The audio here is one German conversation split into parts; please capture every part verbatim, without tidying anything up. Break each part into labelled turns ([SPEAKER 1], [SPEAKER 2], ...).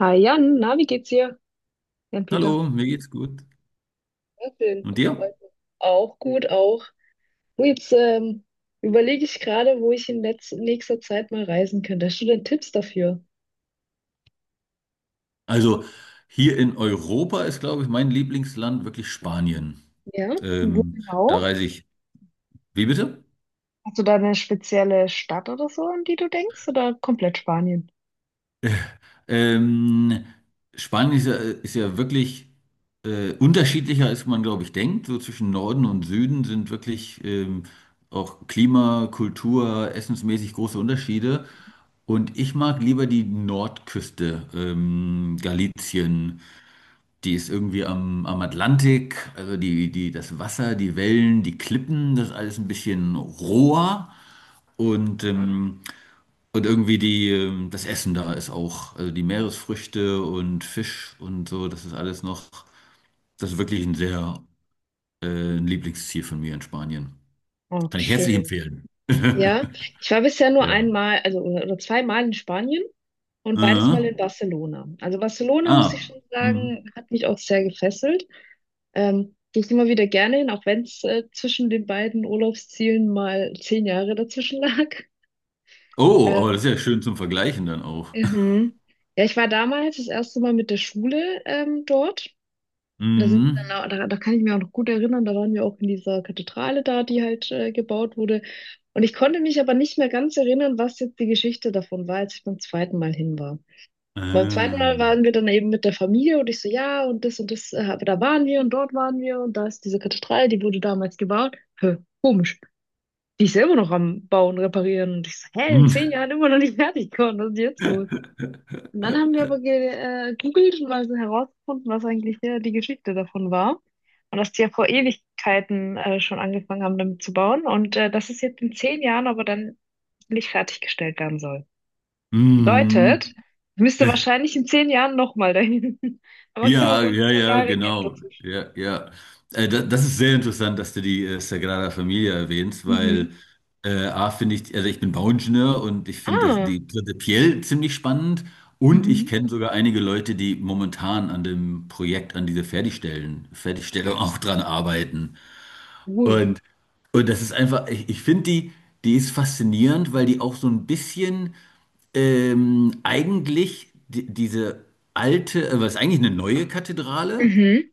[SPEAKER 1] Hi Jan, na, wie geht's dir? Jan-Peter.
[SPEAKER 2] Hallo, mir geht's gut.
[SPEAKER 1] Ja, schön,
[SPEAKER 2] Und
[SPEAKER 1] das
[SPEAKER 2] dir?
[SPEAKER 1] freut mich. Auch gut, auch. Und jetzt ähm, überlege ich gerade, wo ich in letz nächster Zeit mal reisen könnte. Hast du denn Tipps dafür?
[SPEAKER 2] Also hier in Europa ist, glaube ich, mein Lieblingsland wirklich Spanien.
[SPEAKER 1] Ja? Und wo
[SPEAKER 2] Ähm, da
[SPEAKER 1] genau?
[SPEAKER 2] reise ich. Wie bitte?
[SPEAKER 1] Hast du da eine spezielle Stadt oder so, an die du denkst, oder komplett Spanien?
[SPEAKER 2] Ähm, Spanien ist ja, ist ja wirklich äh, unterschiedlicher, als man, glaube ich, denkt. So zwischen Norden und Süden sind wirklich ähm, auch Klima, Kultur, essensmäßig große Unterschiede. Und ich mag lieber die Nordküste, ähm, Galicien. Die ist irgendwie am, am Atlantik, also die, die, das Wasser, die Wellen, die Klippen, das ist alles ein bisschen roher. Und, ähm, und irgendwie die, ähm, das Essen da ist auch, also die Meeresfrüchte und Fisch und so, das ist alles noch, das ist wirklich ein sehr äh, ein Lieblingsziel von mir in Spanien.
[SPEAKER 1] Oh,
[SPEAKER 2] Kann ich herzlich
[SPEAKER 1] schön.
[SPEAKER 2] empfehlen.
[SPEAKER 1] Ja, ich war bisher nur
[SPEAKER 2] Ja.
[SPEAKER 1] einmal, also oder oder zweimal in Spanien und beides Mal
[SPEAKER 2] Äh,
[SPEAKER 1] in Barcelona. Also Barcelona, muss ich
[SPEAKER 2] ah.
[SPEAKER 1] schon
[SPEAKER 2] Mhm.
[SPEAKER 1] sagen, hat mich auch sehr gefesselt. Ähm, gehe ich immer wieder gerne hin, auch wenn es äh, zwischen den beiden Urlaubszielen mal zehn Jahre dazwischen lag.
[SPEAKER 2] Oh, aber
[SPEAKER 1] Ähm,
[SPEAKER 2] das ist ja schön zum Vergleichen dann auch.
[SPEAKER 1] mhm. Ja, ich war damals das erste Mal mit der Schule ähm, dort. Da sind wir
[SPEAKER 2] Mhm.
[SPEAKER 1] dann, da, da kann ich mich auch noch gut erinnern, da waren wir auch in dieser Kathedrale da, die halt äh, gebaut wurde. Und ich konnte mich aber nicht mehr ganz erinnern, was jetzt die Geschichte davon war, als ich beim zweiten Mal hin war. Beim zweiten Mal
[SPEAKER 2] Ähm.
[SPEAKER 1] waren wir dann eben mit der Familie und ich so, ja, und das und das, äh, aber da waren wir und dort waren wir und da ist diese Kathedrale, die wurde damals gebaut. Hä, komisch. Die ist ja immer noch am Bauen, reparieren. Und ich so, hä, in zehn Jahren immer noch nicht fertig geworden, was ist jetzt los? Und dann haben wir aber äh, gegoogelt und mal so herausgefunden, was eigentlich äh, die Geschichte davon war. Und dass die ja vor Ewigkeiten äh, schon angefangen haben, damit zu bauen und äh, dass es jetzt in zehn Jahren aber dann nicht fertiggestellt werden soll.
[SPEAKER 2] Mhm.
[SPEAKER 1] Bedeutet, ich müsste wahrscheinlich in zehn Jahren nochmal dahin. Aber ich immer
[SPEAKER 2] Ja,
[SPEAKER 1] so ein
[SPEAKER 2] ja,
[SPEAKER 1] zehn
[SPEAKER 2] ja,
[SPEAKER 1] Jahre Gap
[SPEAKER 2] genau.
[SPEAKER 1] dazwischen.
[SPEAKER 2] Ja, ja. Äh, da, das ist sehr interessant, dass du die äh, Sagrada Familia erwähnst,
[SPEAKER 1] Mhm.
[SPEAKER 2] weil äh, A, finde ich, also ich bin Bauingenieur und ich finde das
[SPEAKER 1] Ah,
[SPEAKER 2] die prinzipiell ziemlich spannend und
[SPEAKER 1] mhm.
[SPEAKER 2] ich kenne sogar einige Leute, die momentan an dem Projekt, an dieser Fertigstellen, Fertigstellung auch dran arbeiten.
[SPEAKER 1] Cool.
[SPEAKER 2] Und, und das ist einfach, ich, ich finde die, die ist faszinierend, weil die auch so ein bisschen ähm, eigentlich di- diese alte, äh, was ist eigentlich eine neue Kathedrale,
[SPEAKER 1] Mhm.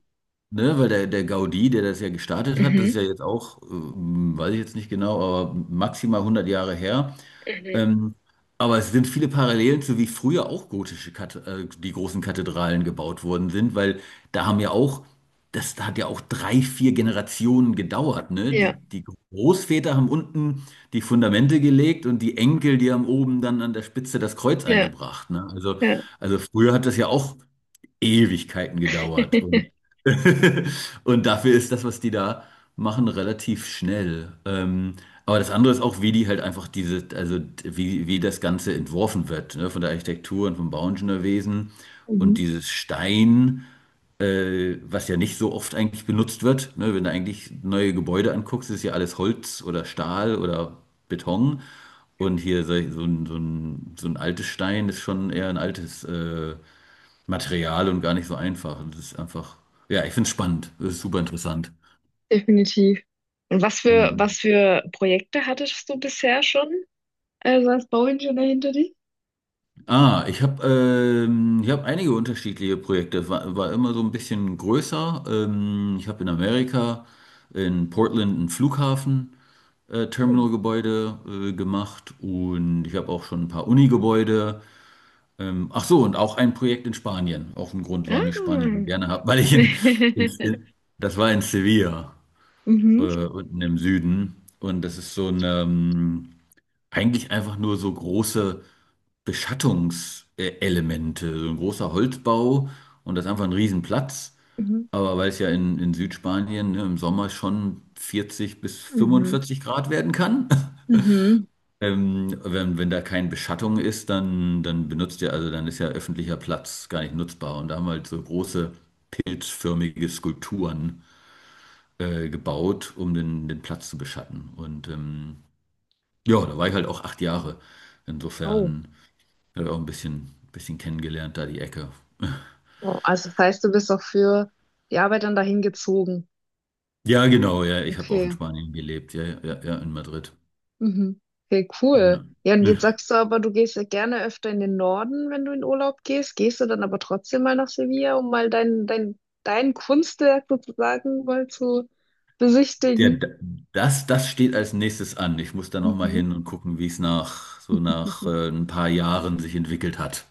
[SPEAKER 2] ne? Weil der, der Gaudí, der das ja gestartet hat, das ist
[SPEAKER 1] Mhm.
[SPEAKER 2] ja jetzt auch, ähm, weiß ich jetzt nicht genau, aber maximal hundert Jahre her.
[SPEAKER 1] Mhm.
[SPEAKER 2] Ähm, aber es sind viele Parallelen zu wie früher auch gotische Kat äh, die großen Kathedralen gebaut worden sind, weil da haben ja auch, das hat ja auch drei, vier Generationen gedauert, ne? Die,
[SPEAKER 1] Ja,
[SPEAKER 2] die Großväter haben unten die Fundamente gelegt und die Enkel, die haben oben dann an der Spitze das Kreuz
[SPEAKER 1] ja,
[SPEAKER 2] angebracht, ne? Also,
[SPEAKER 1] ja.
[SPEAKER 2] also früher hat das ja auch Ewigkeiten gedauert. Und dafür ist das, was die da machen, relativ schnell. Ähm, aber das andere ist auch, wie die halt einfach diese, also wie, wie das Ganze entworfen wird, ne? Von der Architektur und vom Bauingenieurwesen und
[SPEAKER 1] Mhm.
[SPEAKER 2] dieses Stein, äh, was ja nicht so oft eigentlich benutzt wird. Ne? Wenn du eigentlich neue Gebäude anguckst, ist ja alles Holz oder Stahl oder Beton. Und hier so so ein, so ein, so ein altes Stein ist schon eher ein altes. Äh, Material und gar nicht so einfach. Das ist einfach, ja, ich finde es spannend. Das ist super interessant.
[SPEAKER 1] Definitiv. Und was für,
[SPEAKER 2] Hm.
[SPEAKER 1] was für Projekte hattest du bisher schon? Also als Bauingenieur hinter dir?
[SPEAKER 2] Ah, ich habe ähm, ich hab einige unterschiedliche Projekte. War, war immer so ein bisschen größer. Ähm, ich habe in Amerika, in Portland, ein Flughafen, äh,
[SPEAKER 1] Cool.
[SPEAKER 2] Terminalgebäude äh, gemacht, und ich habe auch schon ein paar Uni-Gebäude. Ähm, ach so, und auch ein Projekt in Spanien. Auch ein Grund, warum ich Spanien
[SPEAKER 1] Ah.
[SPEAKER 2] so gerne habe, weil ich in, in, in, das war in Sevilla,
[SPEAKER 1] Mhm.
[SPEAKER 2] äh, unten im Süden. Und das ist so ein, ähm, eigentlich einfach nur so große Beschattungselemente, so ein großer Holzbau, und das ist einfach ein Riesenplatz.
[SPEAKER 1] Mhm.
[SPEAKER 2] Aber weil es ja in, in Südspanien, ne, im Sommer schon vierzig bis
[SPEAKER 1] Mhm.
[SPEAKER 2] fünfundvierzig Grad werden kann,
[SPEAKER 1] Mhm.
[SPEAKER 2] ähm, wenn, wenn da keine Beschattung ist, dann, dann benutzt ihr, also dann ist ja öffentlicher Platz gar nicht nutzbar. Und da haben wir halt so große pilzförmige Skulpturen äh, gebaut, um den, den Platz zu beschatten. Und ähm, ja, da war ich halt auch acht Jahre.
[SPEAKER 1] Oh.
[SPEAKER 2] Insofern habe ich auch ein bisschen, bisschen kennengelernt, da die Ecke.
[SPEAKER 1] Oh, also das heißt, du bist auch für die Arbeit dann dahin gezogen.
[SPEAKER 2] Ja, genau, ja, ich habe auch
[SPEAKER 1] Okay.
[SPEAKER 2] in Spanien gelebt, ja, ja, ja, in Madrid.
[SPEAKER 1] Mhm. Okay,
[SPEAKER 2] Ja.
[SPEAKER 1] cool. Ja, und jetzt sagst du aber, du gehst ja gerne öfter in den Norden, wenn du in Urlaub gehst. Gehst du dann aber trotzdem mal nach Sevilla, um mal dein, dein, dein Kunstwerk sozusagen mal zu
[SPEAKER 2] Ja,
[SPEAKER 1] besichtigen?
[SPEAKER 2] d- das, das steht als nächstes an. Ich muss da nochmal
[SPEAKER 1] Mhm.
[SPEAKER 2] hin und gucken, wie es nach so nach äh, ein paar Jahren sich entwickelt hat.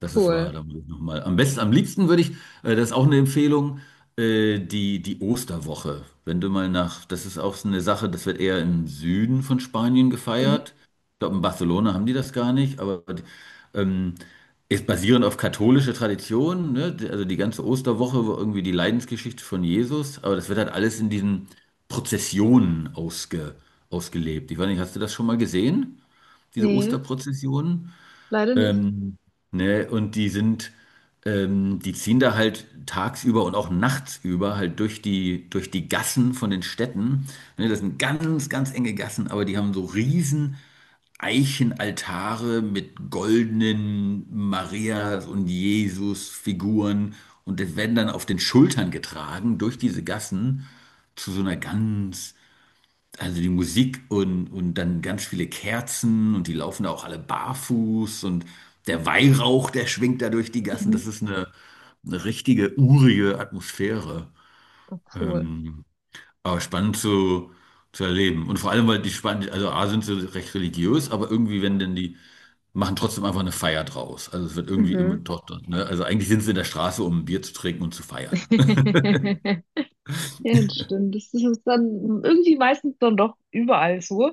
[SPEAKER 2] Das ist wahr,
[SPEAKER 1] Cool.
[SPEAKER 2] da muss ich nochmal. Am besten, am liebsten würde ich, äh, das ist auch eine Empfehlung, äh, die, die Osterwoche. Wenn du mal nach, das ist auch so eine Sache, das wird eher im Süden von Spanien
[SPEAKER 1] Mhm.
[SPEAKER 2] gefeiert. Ich glaube, in Barcelona haben die das gar nicht, aber ähm, ist basierend auf katholische Tradition, ne? Die- Also die ganze Osterwoche war irgendwie die Leidensgeschichte von Jesus, aber das wird halt alles in diesen Prozessionen ausge, ausgelebt. Ich weiß nicht, hast du das schon mal gesehen, diese
[SPEAKER 1] Nee,
[SPEAKER 2] Osterprozessionen?
[SPEAKER 1] leider nicht.
[SPEAKER 2] Ähm, ne, und die sind, ähm, die ziehen da halt tagsüber und auch nachts über halt durch die, durch die Gassen von den Städten. Ne, das sind ganz, ganz enge Gassen, aber die haben so riesen Eichenaltare mit goldenen Marias und Jesus-Figuren, und das werden dann auf den Schultern getragen durch diese Gassen zu so einer ganz, also die Musik und, und, dann ganz viele Kerzen und die laufen da auch alle barfuß, und der Weihrauch, der schwingt da durch die Gassen.
[SPEAKER 1] Mhm.
[SPEAKER 2] Das ist eine, eine richtige urige Atmosphäre.
[SPEAKER 1] Oh, cool.
[SPEAKER 2] Ähm, aber spannend zu, zu erleben. Und vor allem, weil die Span, also A, sind sie recht religiös, aber irgendwie, wenn denn die machen trotzdem einfach eine Feier draus. Also es wird irgendwie immer
[SPEAKER 1] Mhm.
[SPEAKER 2] doch, ne? Also eigentlich sind sie in der Straße, um ein Bier zu trinken und zu feiern.
[SPEAKER 1] Ja, das stimmt. Das ist dann irgendwie meistens dann doch überall so.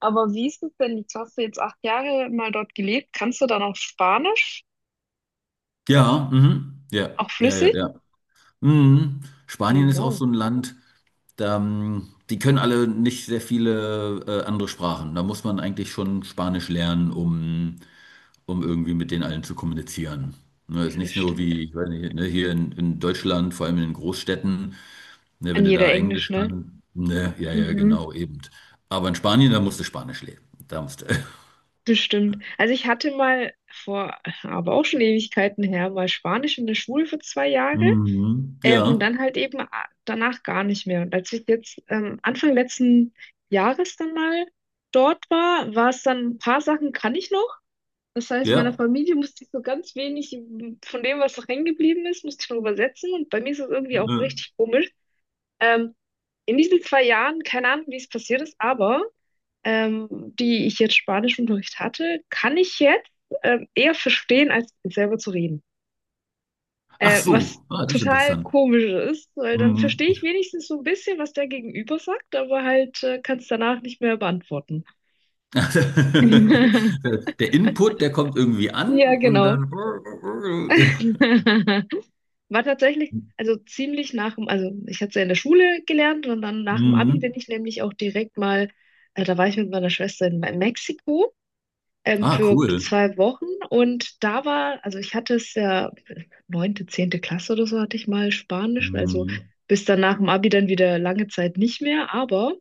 [SPEAKER 1] Aber wie ist es denn? Jetzt hast du jetzt acht Jahre mal dort gelebt. Kannst du dann auch Spanisch?
[SPEAKER 2] Ja, mhm. Ja,
[SPEAKER 1] Auch
[SPEAKER 2] ja, ja,
[SPEAKER 1] flüssig?
[SPEAKER 2] ja. Mhm.
[SPEAKER 1] Oh,
[SPEAKER 2] Spanien ist auch
[SPEAKER 1] wow.
[SPEAKER 2] so ein Land, da ähm, die können alle nicht sehr viele äh, andere Sprachen. Da muss man eigentlich schon Spanisch lernen, um, um irgendwie mit denen allen zu kommunizieren. Ne, ist
[SPEAKER 1] Ja, das
[SPEAKER 2] nicht nur wie,
[SPEAKER 1] stimmt.
[SPEAKER 2] ich weiß nicht, ne, hier in, in Deutschland, vor allem in den Großstädten, ne,
[SPEAKER 1] An
[SPEAKER 2] wenn du
[SPEAKER 1] jeder
[SPEAKER 2] da
[SPEAKER 1] Englisch,
[SPEAKER 2] Englisch
[SPEAKER 1] ne?
[SPEAKER 2] kannst, ne, ja, ja,
[SPEAKER 1] Mhm.
[SPEAKER 2] genau, eben. Aber in Spanien, da musst du Spanisch lernen. Da musst du.
[SPEAKER 1] Bestimmt. Also ich hatte mal vor, aber auch schon Ewigkeiten her, mal Spanisch in der Schule für zwei Jahre,
[SPEAKER 2] Mhm.
[SPEAKER 1] ähm, und
[SPEAKER 2] Ja,
[SPEAKER 1] dann halt eben a- danach gar nicht mehr. Und als ich jetzt ähm, Anfang letzten Jahres dann mal dort war, war es dann ein paar Sachen kann ich noch. Das heißt, meiner
[SPEAKER 2] ja.
[SPEAKER 1] Familie musste ich so ganz wenig von dem, was noch hängen geblieben ist, musste ich noch übersetzen. Und bei mir ist es
[SPEAKER 2] Äh,
[SPEAKER 1] irgendwie auch
[SPEAKER 2] äh.
[SPEAKER 1] richtig komisch. Ähm, in diesen zwei Jahren, keine Ahnung, wie es passiert ist, aber ähm, die ich jetzt Spanischunterricht hatte, kann ich jetzt ähm, eher verstehen, als selber zu reden.
[SPEAKER 2] Ach
[SPEAKER 1] Äh, was
[SPEAKER 2] so, ah, das ist
[SPEAKER 1] total
[SPEAKER 2] interessant.
[SPEAKER 1] komisch ist, weil dann
[SPEAKER 2] Mhm.
[SPEAKER 1] verstehe ich wenigstens so ein bisschen, was der Gegenüber sagt, aber halt äh, kann es danach nicht mehr beantworten.
[SPEAKER 2] Der Input, der kommt irgendwie an
[SPEAKER 1] Ja,
[SPEAKER 2] und
[SPEAKER 1] genau.
[SPEAKER 2] dann.
[SPEAKER 1] War tatsächlich, also ziemlich nach dem, also ich hatte es ja in der Schule gelernt und dann nach dem Abi bin
[SPEAKER 2] Mhm.
[SPEAKER 1] ich nämlich auch direkt mal, äh, da war ich mit meiner Schwester in Me- Mexiko ähm,
[SPEAKER 2] Ah,
[SPEAKER 1] für
[SPEAKER 2] cool.
[SPEAKER 1] zwei Wochen und da war, also ich hatte es ja neunte, zehnte Klasse oder so hatte ich mal Spanisch, also
[SPEAKER 2] Mhm.
[SPEAKER 1] bis dann nach dem Abi dann wieder lange Zeit nicht mehr, aber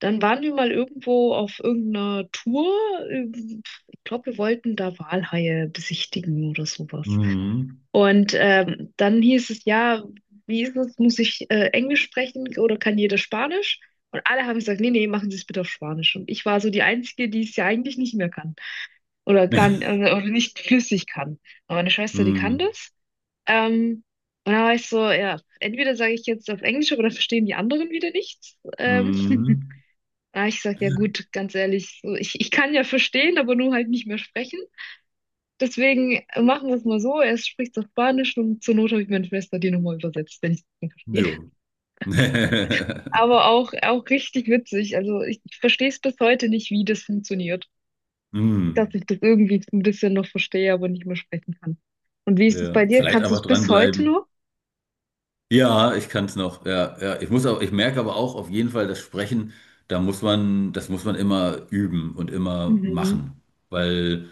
[SPEAKER 1] dann waren wir mal irgendwo auf irgendeiner Tour, ähm, ich glaube, wir wollten da Walhaie besichtigen oder sowas.
[SPEAKER 2] Mhm.
[SPEAKER 1] Und ähm, dann hieß es, ja, wie ist es, muss ich äh, Englisch sprechen oder kann jeder Spanisch? Und alle haben gesagt, nee, nee, machen Sie es bitte auf Spanisch. Und ich war so die Einzige, die es ja eigentlich nicht mehr kann oder gar n- oder oder nicht flüssig kann. Aber meine Schwester, die kann
[SPEAKER 2] Mhm.
[SPEAKER 1] das. Ähm, und da war ich so, ja, entweder sage ich jetzt auf Englisch, aber dann verstehen die anderen wieder nichts. Ähm,
[SPEAKER 2] Mhm.
[SPEAKER 1] da hab ich gesagt, ja gut, ganz ehrlich, so, ich, ich kann ja verstehen, aber nur halt nicht mehr sprechen. Deswegen machen wir es mal so. Er spricht auf Spanisch und zur Not habe ich meine Schwester die nochmal übersetzt, wenn ich es nicht verstehe.
[SPEAKER 2] Ja.
[SPEAKER 1] Aber auch, auch richtig witzig. Also ich, ich verstehe es bis heute nicht, wie das funktioniert. Dass
[SPEAKER 2] Mhm.
[SPEAKER 1] ich das irgendwie ein bisschen noch verstehe, aber nicht mehr sprechen kann. Und wie ist es bei
[SPEAKER 2] Ja.
[SPEAKER 1] dir?
[SPEAKER 2] Vielleicht
[SPEAKER 1] Kannst du es
[SPEAKER 2] einfach
[SPEAKER 1] bis heute
[SPEAKER 2] dranbleiben.
[SPEAKER 1] noch?
[SPEAKER 2] Ja, ich kann es noch. Ja, ja. Ich muss aber, ich merke aber auch auf jeden Fall, das Sprechen, da muss man, das muss man immer üben und immer
[SPEAKER 1] Mhm.
[SPEAKER 2] machen. Weil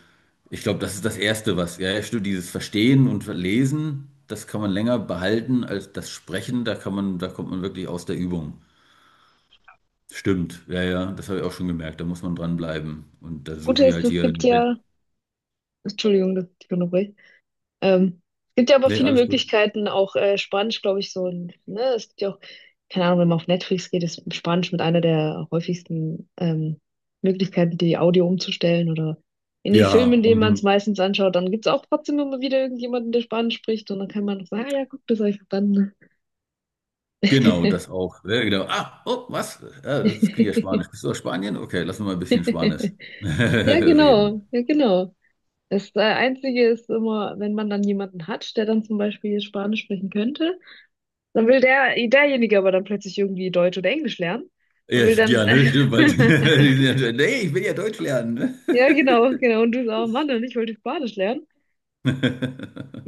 [SPEAKER 2] ich glaube, das ist das Erste, was, ja, ja, stimmt, dieses Verstehen und Lesen, das kann man länger behalten als das Sprechen, da kann man, da kommt man wirklich aus der Übung. Stimmt, ja, ja, das habe ich auch schon gemerkt, da muss man dranbleiben. Und da
[SPEAKER 1] Das Gute
[SPEAKER 2] suche ich
[SPEAKER 1] ist,
[SPEAKER 2] halt
[SPEAKER 1] es
[SPEAKER 2] hier,
[SPEAKER 1] gibt ja. Entschuldigung, dass ich dich unterbreche. Ähm, Es gibt ja aber
[SPEAKER 2] nee,
[SPEAKER 1] viele
[SPEAKER 2] alles gut.
[SPEAKER 1] Möglichkeiten, auch äh, Spanisch, glaube ich, so ein, ne, es gibt ja auch, keine Ahnung, wenn man auf Netflix geht, ist Spanisch mit einer der häufigsten ähm, Möglichkeiten, die Audio umzustellen oder in den Filmen,
[SPEAKER 2] Ja,
[SPEAKER 1] in denen man es
[SPEAKER 2] mhm.
[SPEAKER 1] meistens anschaut, dann gibt es auch trotzdem immer wieder irgendjemanden, der Spanisch spricht und dann kann man noch sagen, ah ja, guck, das habe ich verstanden.
[SPEAKER 2] Genau, das auch. Ja, genau. Ah, oh, was? Ja, das klingt ja Spanisch. Bist du aus Spanien? Okay, lass uns mal ein bisschen Spanisch
[SPEAKER 1] Ja,
[SPEAKER 2] reden.
[SPEAKER 1] genau, ja, genau. Das äh, Einzige ist immer, wenn man dann jemanden hat, der dann zum Beispiel Spanisch sprechen könnte, dann will der, derjenige aber dann plötzlich irgendwie Deutsch oder Englisch lernen und
[SPEAKER 2] Ja,
[SPEAKER 1] will
[SPEAKER 2] ja,
[SPEAKER 1] dann,
[SPEAKER 2] ne? Stimmt, weil- die sind ja- nee, ich will ja Deutsch lernen.
[SPEAKER 1] ja genau, genau, und du sagst, oh Mann, und ich wollte Spanisch lernen.
[SPEAKER 2] Ne?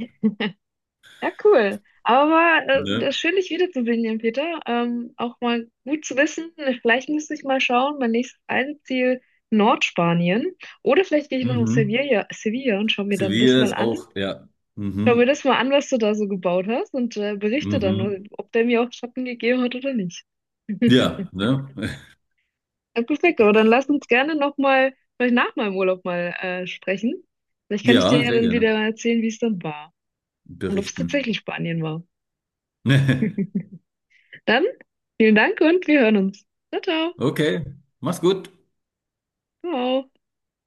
[SPEAKER 1] Ja, cool. Aber war, äh,
[SPEAKER 2] Ne?
[SPEAKER 1] das ist schön, dich wiederzusehen, Jan Peter. Ähm, auch mal gut zu wissen, vielleicht müsste ich mal schauen, mein nächstes Reiseziel Nordspanien. Oder vielleicht gehe ich noch nach
[SPEAKER 2] Mhm.
[SPEAKER 1] Sevilla, Sevilla und schaue mir dann das
[SPEAKER 2] Sevilla
[SPEAKER 1] mal
[SPEAKER 2] ist
[SPEAKER 1] an.
[SPEAKER 2] auch, ja.
[SPEAKER 1] Schau mir
[SPEAKER 2] Mhm.
[SPEAKER 1] das mal an, was du da so gebaut hast und äh, berichte
[SPEAKER 2] Mhm.
[SPEAKER 1] dann, ob der mir auch Schatten gegeben hat oder nicht.
[SPEAKER 2] Ja, ne?
[SPEAKER 1] Ja, perfekt, aber dann lass uns gerne nochmal, vielleicht nach meinem Urlaub mal äh, sprechen. Vielleicht kann ich dir
[SPEAKER 2] Ja,
[SPEAKER 1] ja
[SPEAKER 2] sehr
[SPEAKER 1] dann wieder
[SPEAKER 2] gerne.
[SPEAKER 1] erzählen, wie es dann war und ob es
[SPEAKER 2] Berichten.
[SPEAKER 1] tatsächlich Spanien war. Dann vielen Dank und wir hören uns. Ciao, ciao.
[SPEAKER 2] Okay, mach's gut.
[SPEAKER 1] Ciao.